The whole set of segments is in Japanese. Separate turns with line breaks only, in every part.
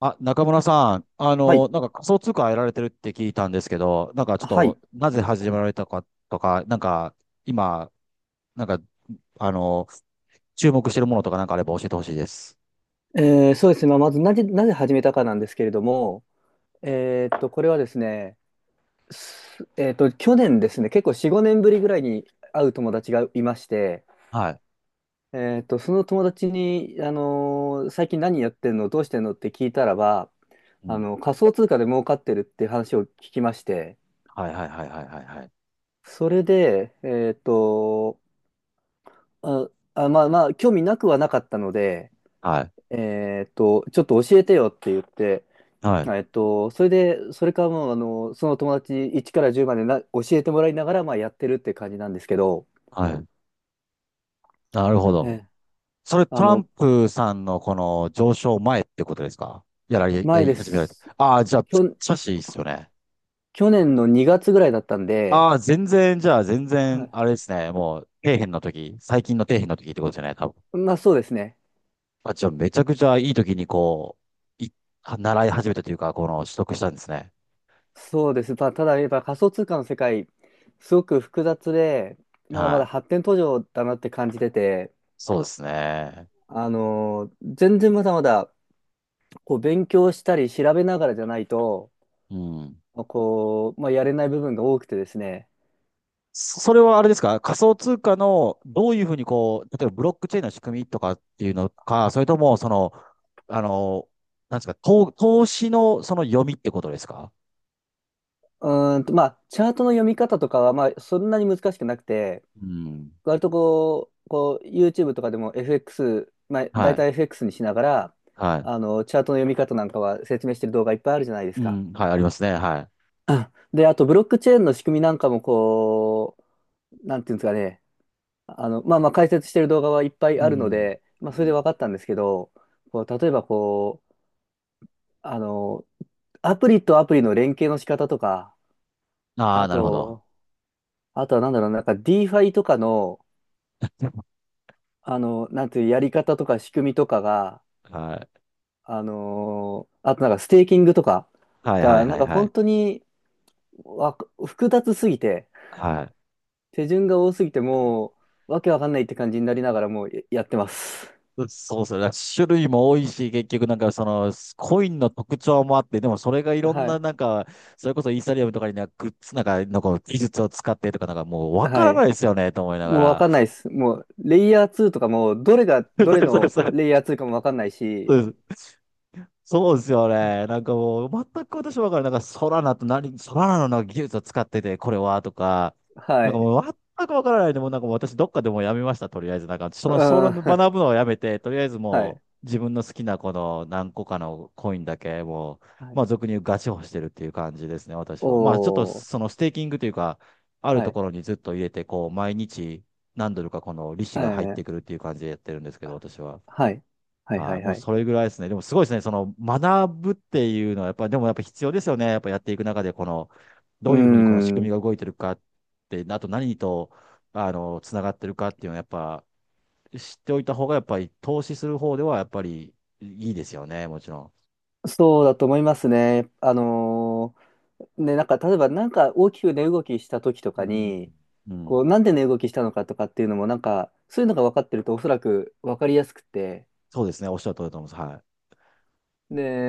あ、中村さん、
はい。
なんか仮想通貨やられてるって聞いたんですけど、なんかちょっ
はい。
と、なぜ始められたかとか、なんか、今、なんか、あの、注目してるものとかなんかあれば教えてほしいです。
そうですね。まあ、まずなぜ始めたかなんですけれども、これはですね、すえーっと、去年ですね、結構4、5年ぶりぐらいに会う友達がいまして、
はい。
その友達に、最近何やってんの、どうしてんのって聞いたらば、
うん。
仮想通貨で儲かってるって話を聞きまして、
はいはいはいはいはいはい。
それで、まあまあ、興味なくはなかったので、
はい。
ちょっと教えてよって言って、
はい。
それで、それからもう、その友達1から10までな教えてもらいながら、まあ、やってるって感じなんですけど、
はい。なるほ
え
ど。
え。
それ、ト
あ
ラン
の、
プさんのこの上昇前ってことですか？や
前
り
で
始められて。
す。
ああ、じゃあ、
きょ、
しいいっすよね。
去年の2月ぐらいだったんで、
ああ、全然、じゃあ、全
は
然、
い。
あれですね。もう、底辺の時、最近の底辺の時ってことじゃない、多
まあそうですね。
あ、じゃあめちゃくちゃいい時にう、い、習い始めたというか、この取得したんですね。
そうです。まあ、ただやっぱ仮想通貨の世界、すごく複雑で、まだま
は
だ
い。
発展途上だなって感じてて、
そうですね。
あの全然まだまだこう勉強したり調べながらじゃないと、
うん。
こう、まあ、やれない部分が多くてですね、
それはあれですか？仮想通貨のどういうふうにこう、例えばブロックチェーンの仕組みとかっていうのか、それともあの、なんですか、投資のその読みってことですか？
うまあ、チャートの読み方とかは、まあ、そんなに難しくなくて、
うん。
割とこう、YouTube とかでも FX、まあ、
は
大
い。
体 FX にしながら、
は
チャートの読み方なんかは説明してる動画いっぱいあるじゃないで
い。
す
う
か。
ん。はい、ありますね。はい。
うんで、あと、ブロックチェーンの仕組みなんかも、こう、なんていうんですかね、まあまあ、解説してる動画はいっぱ
う
いあるの
ん。
で、ま
う
あ、それで
ん。
分かったんですけど、こう、例えばこう、あの、アプリとアプリの連携の仕方とか、
あ
あ
あ、なるほど。
と、あとはなんだろう、なんか DeFi とかの、なんていう、やり方とか仕組みとかが、
はい。
あとなんかステーキングとか
はいはい
が、な
は
ん
い
か
は
本
い。
当にわ複雑すぎて、
はい。
手順が多すぎて、もう、わけわかんないって感じになりながらもうやってます。
う、そうそう。だから種類も多いし、結局なんかその、コインの特徴もあって、でもそれがいろん
は
な
い。
なんか、それこそイーサリアムとかになんかグッズなんか、なんか技術を使ってとかなんかもうわか
は
らな
い。
いですよね、と思いなが
もうわ
ら。
かんないです。もう、レイヤー2とかも、どれが
そ
どれ
うそう
の
そ
レイヤー2かもわかんないし、
う。そうですよね。なんかもう、全く私わからない。なんか、ソラナと何、ソラナのなんか技術を使ってて、これは、とか、
は
なんか
い。
もう、全くわからないで、もうなんかもう私、どっかでもうやめました、とりあえず。なんか、そ
うん、
の、その
は
学ぶのをやめて、とりあえず
い。
もう、自分の好きなこの何個かのコインだけ、もう、
はい。
まあ、俗に言うガチホしてるっていう感じですね、私は。まあ、ちょっと、
おー、
そのステーキングというか、ある
は
と
い。
ころにずっと入れて、こう、毎日、何ドルかこの利子
え
が入って
ー、
くるっていう感じでやってるんですけど、私は。
はい。はい、は
はい、
い、
もう
はい。
それぐらいですね。でもすごいですね。その学ぶっていうのは、やっぱ、でもやっぱ必要ですよね。やっぱやっていく中で、この、
う
ど
ー
ういうふうにこの仕組み
ん。
が動いてるかって、あと何と、つながってるかっていうのは、やっぱ、知っておいた方が、やっぱり投資する方では、やっぱりいいですよね。もちろ
そうだと思いますね。ね、なんか、例えば、なんか大きく値動きした時と
う
か
ん。
に、
うん。う
こう、
ん。
なんで値動きしたのかとかっていうのも、なんか、そういうのが分かってると、おそらく分かりやすくて、
そうですね。おっしゃる通りだと思います。は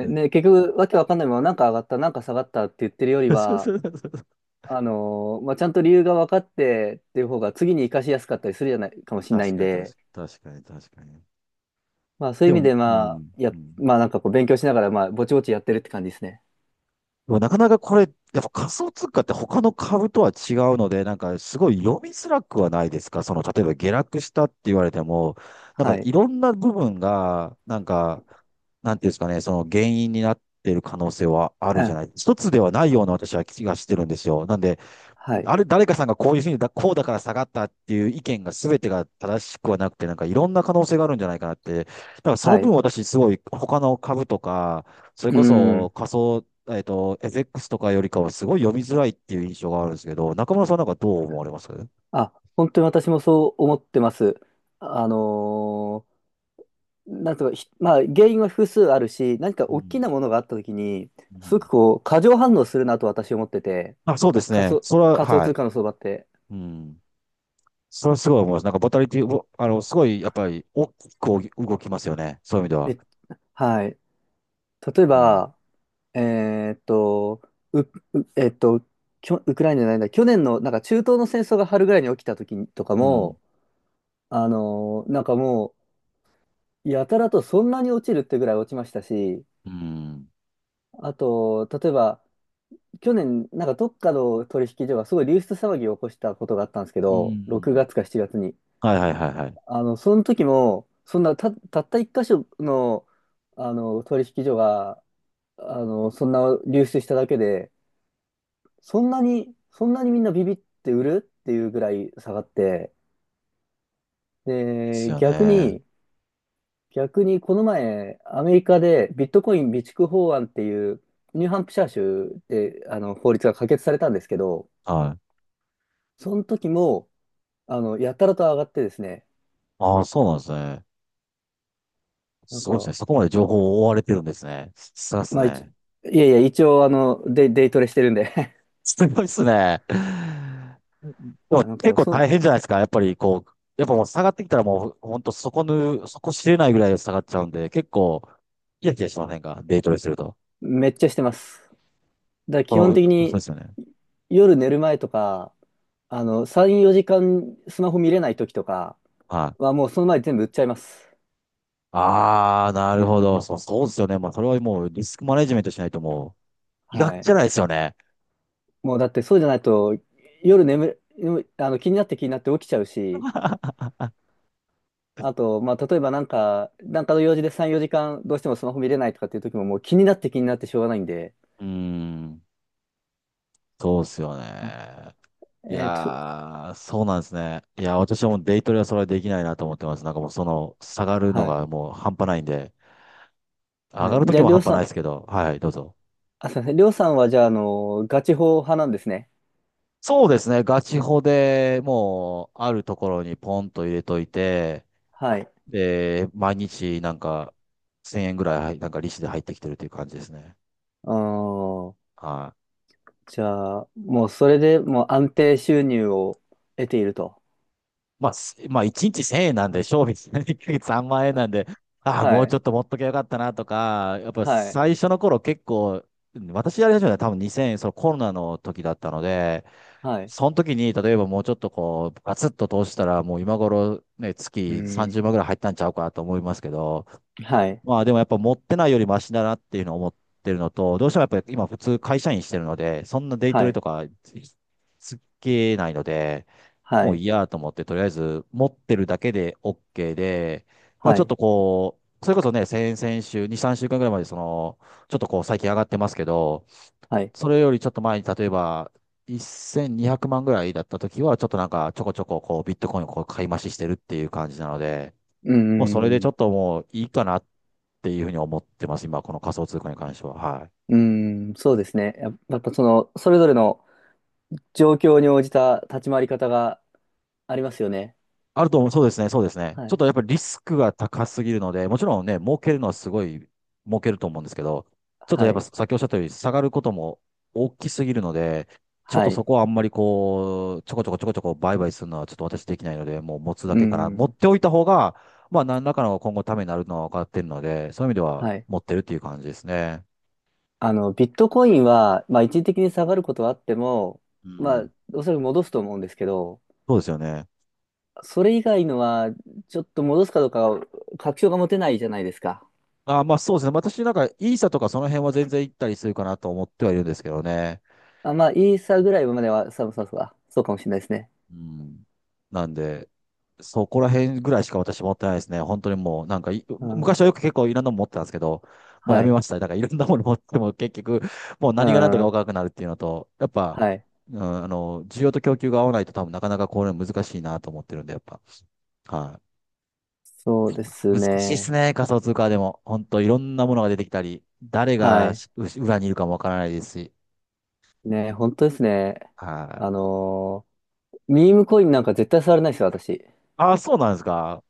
い。うん。
ね、結局、わけわかんないまま、なんか上がった、なんか下がったって言ってるよりは、まあ、ちゃんと理由が分かってっていう方が、次に活かしやすかったりするじゃない、かもしれない
確
ん
かに、確かに、
で、
確かに、確かに。
まあ、そうい
で
う意味
も、
で、
う
まあ、
ん、うん。
まあ、なんかこう、勉強しながら、まあ、ぼちぼちやってるって感じですね。
でもなかなかこれ、やっぱ仮想通貨って他の株とは違うので、なんかすごい読みづらくはないですか？その、例えば下落したって言われても、なんか
は
い
い。
ろんな部分が、なんか、なんていうんですかね、その原因になっている可能性はあるじゃな
あ、
い。一つではないような私は気がしてるんですよ。なんで、
はい。
あれ、誰かさんがこういうふうにだ、こうだから下がったっていう意見が全てが正しくはなくて、なんかいろんな可能性があるんじゃないかなって。だからその
は
分
い。
私すごい他の株とか、それ
う
こそ
ん。
仮想、えっと、エフエックスとかよりかはすごい読みづらいっていう印象があるんですけど、中村さんなんかどう思われます？う
あ、本当に私もそう思ってます。あのーなんとかひ、まあ、原因は複数あるし、何か大き
ん。
なものがあったときに、
う
すご
ん。
くこう、過剰反応するなと私思ってて、
あ、そうですね。それは、
仮想
は
通
い。
貨の相場って。
うん。それはすごい思います。なんかボタリティ、ぼあの、すごいやっぱり大きく動きますよね。そういう意味では。
めはい。例え
うん。
ば、えーっと、う、うえーっと、ウクライナじゃないんだ、去年のなんか中東の戦争が春ぐらいに起きたときとか
うん。
も、なんかもう、やたらとそんなに落ちるってぐらい落ちましたし、
うん。
あと、例えば、去年、なんかどっかの取引所がすごい流出騒ぎを起こしたことがあったんですけ
う
ど、6
ん。
月か7月に。
はいはいはいはい。
その時も、そんなた、たった一箇所の、取引所が、そんな流出しただけで、そんなに、そんなにみんなビビって売るっていうぐらい下がって、
です
で、
よね。
逆にこの前、アメリカでビットコイン備蓄法案っていう、ニューハンプシャー州で、法律が可決されたんですけど、
はい。
その時も、やたらと上がってですね、
ああ、そうなんですね。
なん
すごいです
か、
ね。そこまで情報を追われてるんですね。すごいです
まあ、一
ね。
いやいや、一応、デイトレしてるんで
すごいですね。で
い
も
や、なん
結
か、
構大変じゃないですか。やっぱりこう、やっぱもう下がってきたらもう本当そこ知れないぐらい下がっちゃうんで、結構、キヤキヤしませんか？デイトレすると。
めっちゃしてます。だから
こ
基本的
の、そ
に、
うですよね。
夜寝る前とか、3、4時間スマホ見れない時とか
はい。
は、もうその前に全部売っちゃいます。
ああ、なるほど。そう、そうですよね。まあ、それはもうリスクマネジメントしないともう、医
は
学じ
い。
ゃないですよね。
もうだってそうじゃないと、夜眠る、気になって気になって起きちゃうし、あと、まあ、例えばなんか、の用事で3、4時間どうしてもスマホ見れないとかっていう時ももう気になって気になってしょうがないんで、
うーん、そうですよ
あ
ね。い
えっと、
やー、そうなんですね。いや、私はもうデイトレはそれはできないなと思ってます。なんかもうその、下がるの
はい。
がもう半端ないんで、上
は
が
い。
ると
じゃ
き
あ、
も
りょ
半
う
端
さ
ないで
ん、
すけど、はい、どうぞ。
あ、すいません。りょうさんは、じゃあ、ガチ法派なんですね。
そうですね、ガチホでもう、あるところにポンと入れといて、
はい。
で、毎日なんか、1000円ぐらい、なんか利子で入ってきてるという感じですね。
あー
はい。
じゃあ、もう、それでもう安定収入を得ていると。
まあ、1日1000円なんで、
あ
賞味1ヶ月3万円なんで、ああ、
は
もうち
い。
ょっと持っときゃよかったなとか、やっぱ
はい。
最初の頃結構、私やり始めたのは多分2000円、そのコロナの時だったので、
はい。
その時に、例えばもうちょっとこう、ガツッと投資したら、もう今頃ね、
う
月
ん。
30万ぐらい入ったんちゃうかなと思いますけど、
はい。
まあでもやっぱ持ってないよりマシだなっていうのを思ってるのと、どうしてもやっぱり今普通会社員してるので、そんなデイト
は
レと
い。
かつけないので、
は
もう
い。
いいやと思って、とりあえず持ってるだけで OK で、まあ
は
ちょっ
い。
とこう、それこそね、先々週、に3週間ぐらいまで、その、ちょっとこう最近上がってますけど、
はい。
それよりちょっと前に例えば、1200万ぐらいだった時は、ちょっとなんかちょこちょここうビットコインをこう買い増ししてるっていう感じなので、
う
もうそれでちょ
ん。
っともういいかなっていうふうに思ってます、今、この仮想通貨に関しては。はい。
うん。そうですね。やっぱ、それぞれの状況に応じた立ち回り方がありますよね。
あると思う。そうですね、そうですね。
は
ちょっ
い。
とやっぱりリスクが高すぎるので、もちろんね、儲けるのはすごい儲けると思うんですけど、ちょっと
は
やっぱ
い。
さっきおっしゃったように下がることも大きすぎるので、ちょっ
は
とそ
い。
こはあんまりこう、ちょこちょこちょこちょこ売買するのはちょっと私できないので、もう持つだ
う
けから、持っ
ん。
ておいた方が、まあ何らかの今後ためになるのは分かってるので、そういう意味では
はい。
持ってるっていう感じですね。
ビットコインは、まあ、一時的に下がることはあっても、
う
まあ、
ん。
おそらく戻すと思うんですけど、
そうですよね。
それ以外のは、ちょっと戻すかどうか確証が持てないじゃないですか。
あ、まあそうですね。私なんかイーサとかその辺は全然行ったりするかなと思ってはいるんですけどね。
あ、まあ、イーサーぐらいまでは、そうそうそう、あそうかもしれないですね。
うん。なんで、そこら辺ぐらいしか私持ってないですね。本当にもう、なんかい、
うん。
昔はよく結構いろんなもの持ってたんですけど、もうや
は
め
い。
ました。だからいろんなもの持っても結局、もう
う
何が何だか分
ん。
からなくなるっていうのと、やっぱ、
はい。
うん、需要と供給が合わないと多分なかなかこれ難しいなと思ってるんで、やっぱ。は
そうで
い。
す
難しいです
ね。
ね、仮想通貨でも。本当いろんなものが出てきたり、誰
は
が
い。
裏にいるかもわからないですし。
ね、本当ですね。
は
あ
い。
のミームコインなんか絶対触れないですよ、私。
ああ、そうなんですか。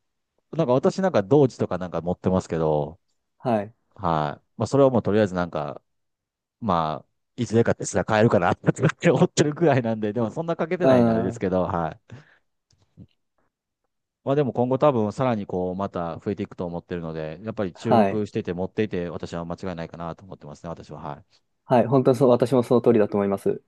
なんか私なんか同時とかなんか持ってますけど、
はい。
はい。まあ、それはもうとりあえずなんか、まあ、いつでかってすら買えるかなって思ってるくらいなんで、でもそんなかけて
う
ないんであれで
ん。
す
は
けど、はい。まあでも今後多分さらにこう、また増えていくと思ってるので、やっぱり注
い。
目してて持っていて、私は間違いないかなと思ってますね、私は。はい。
はい。本当にそう、私もその通りだと思います。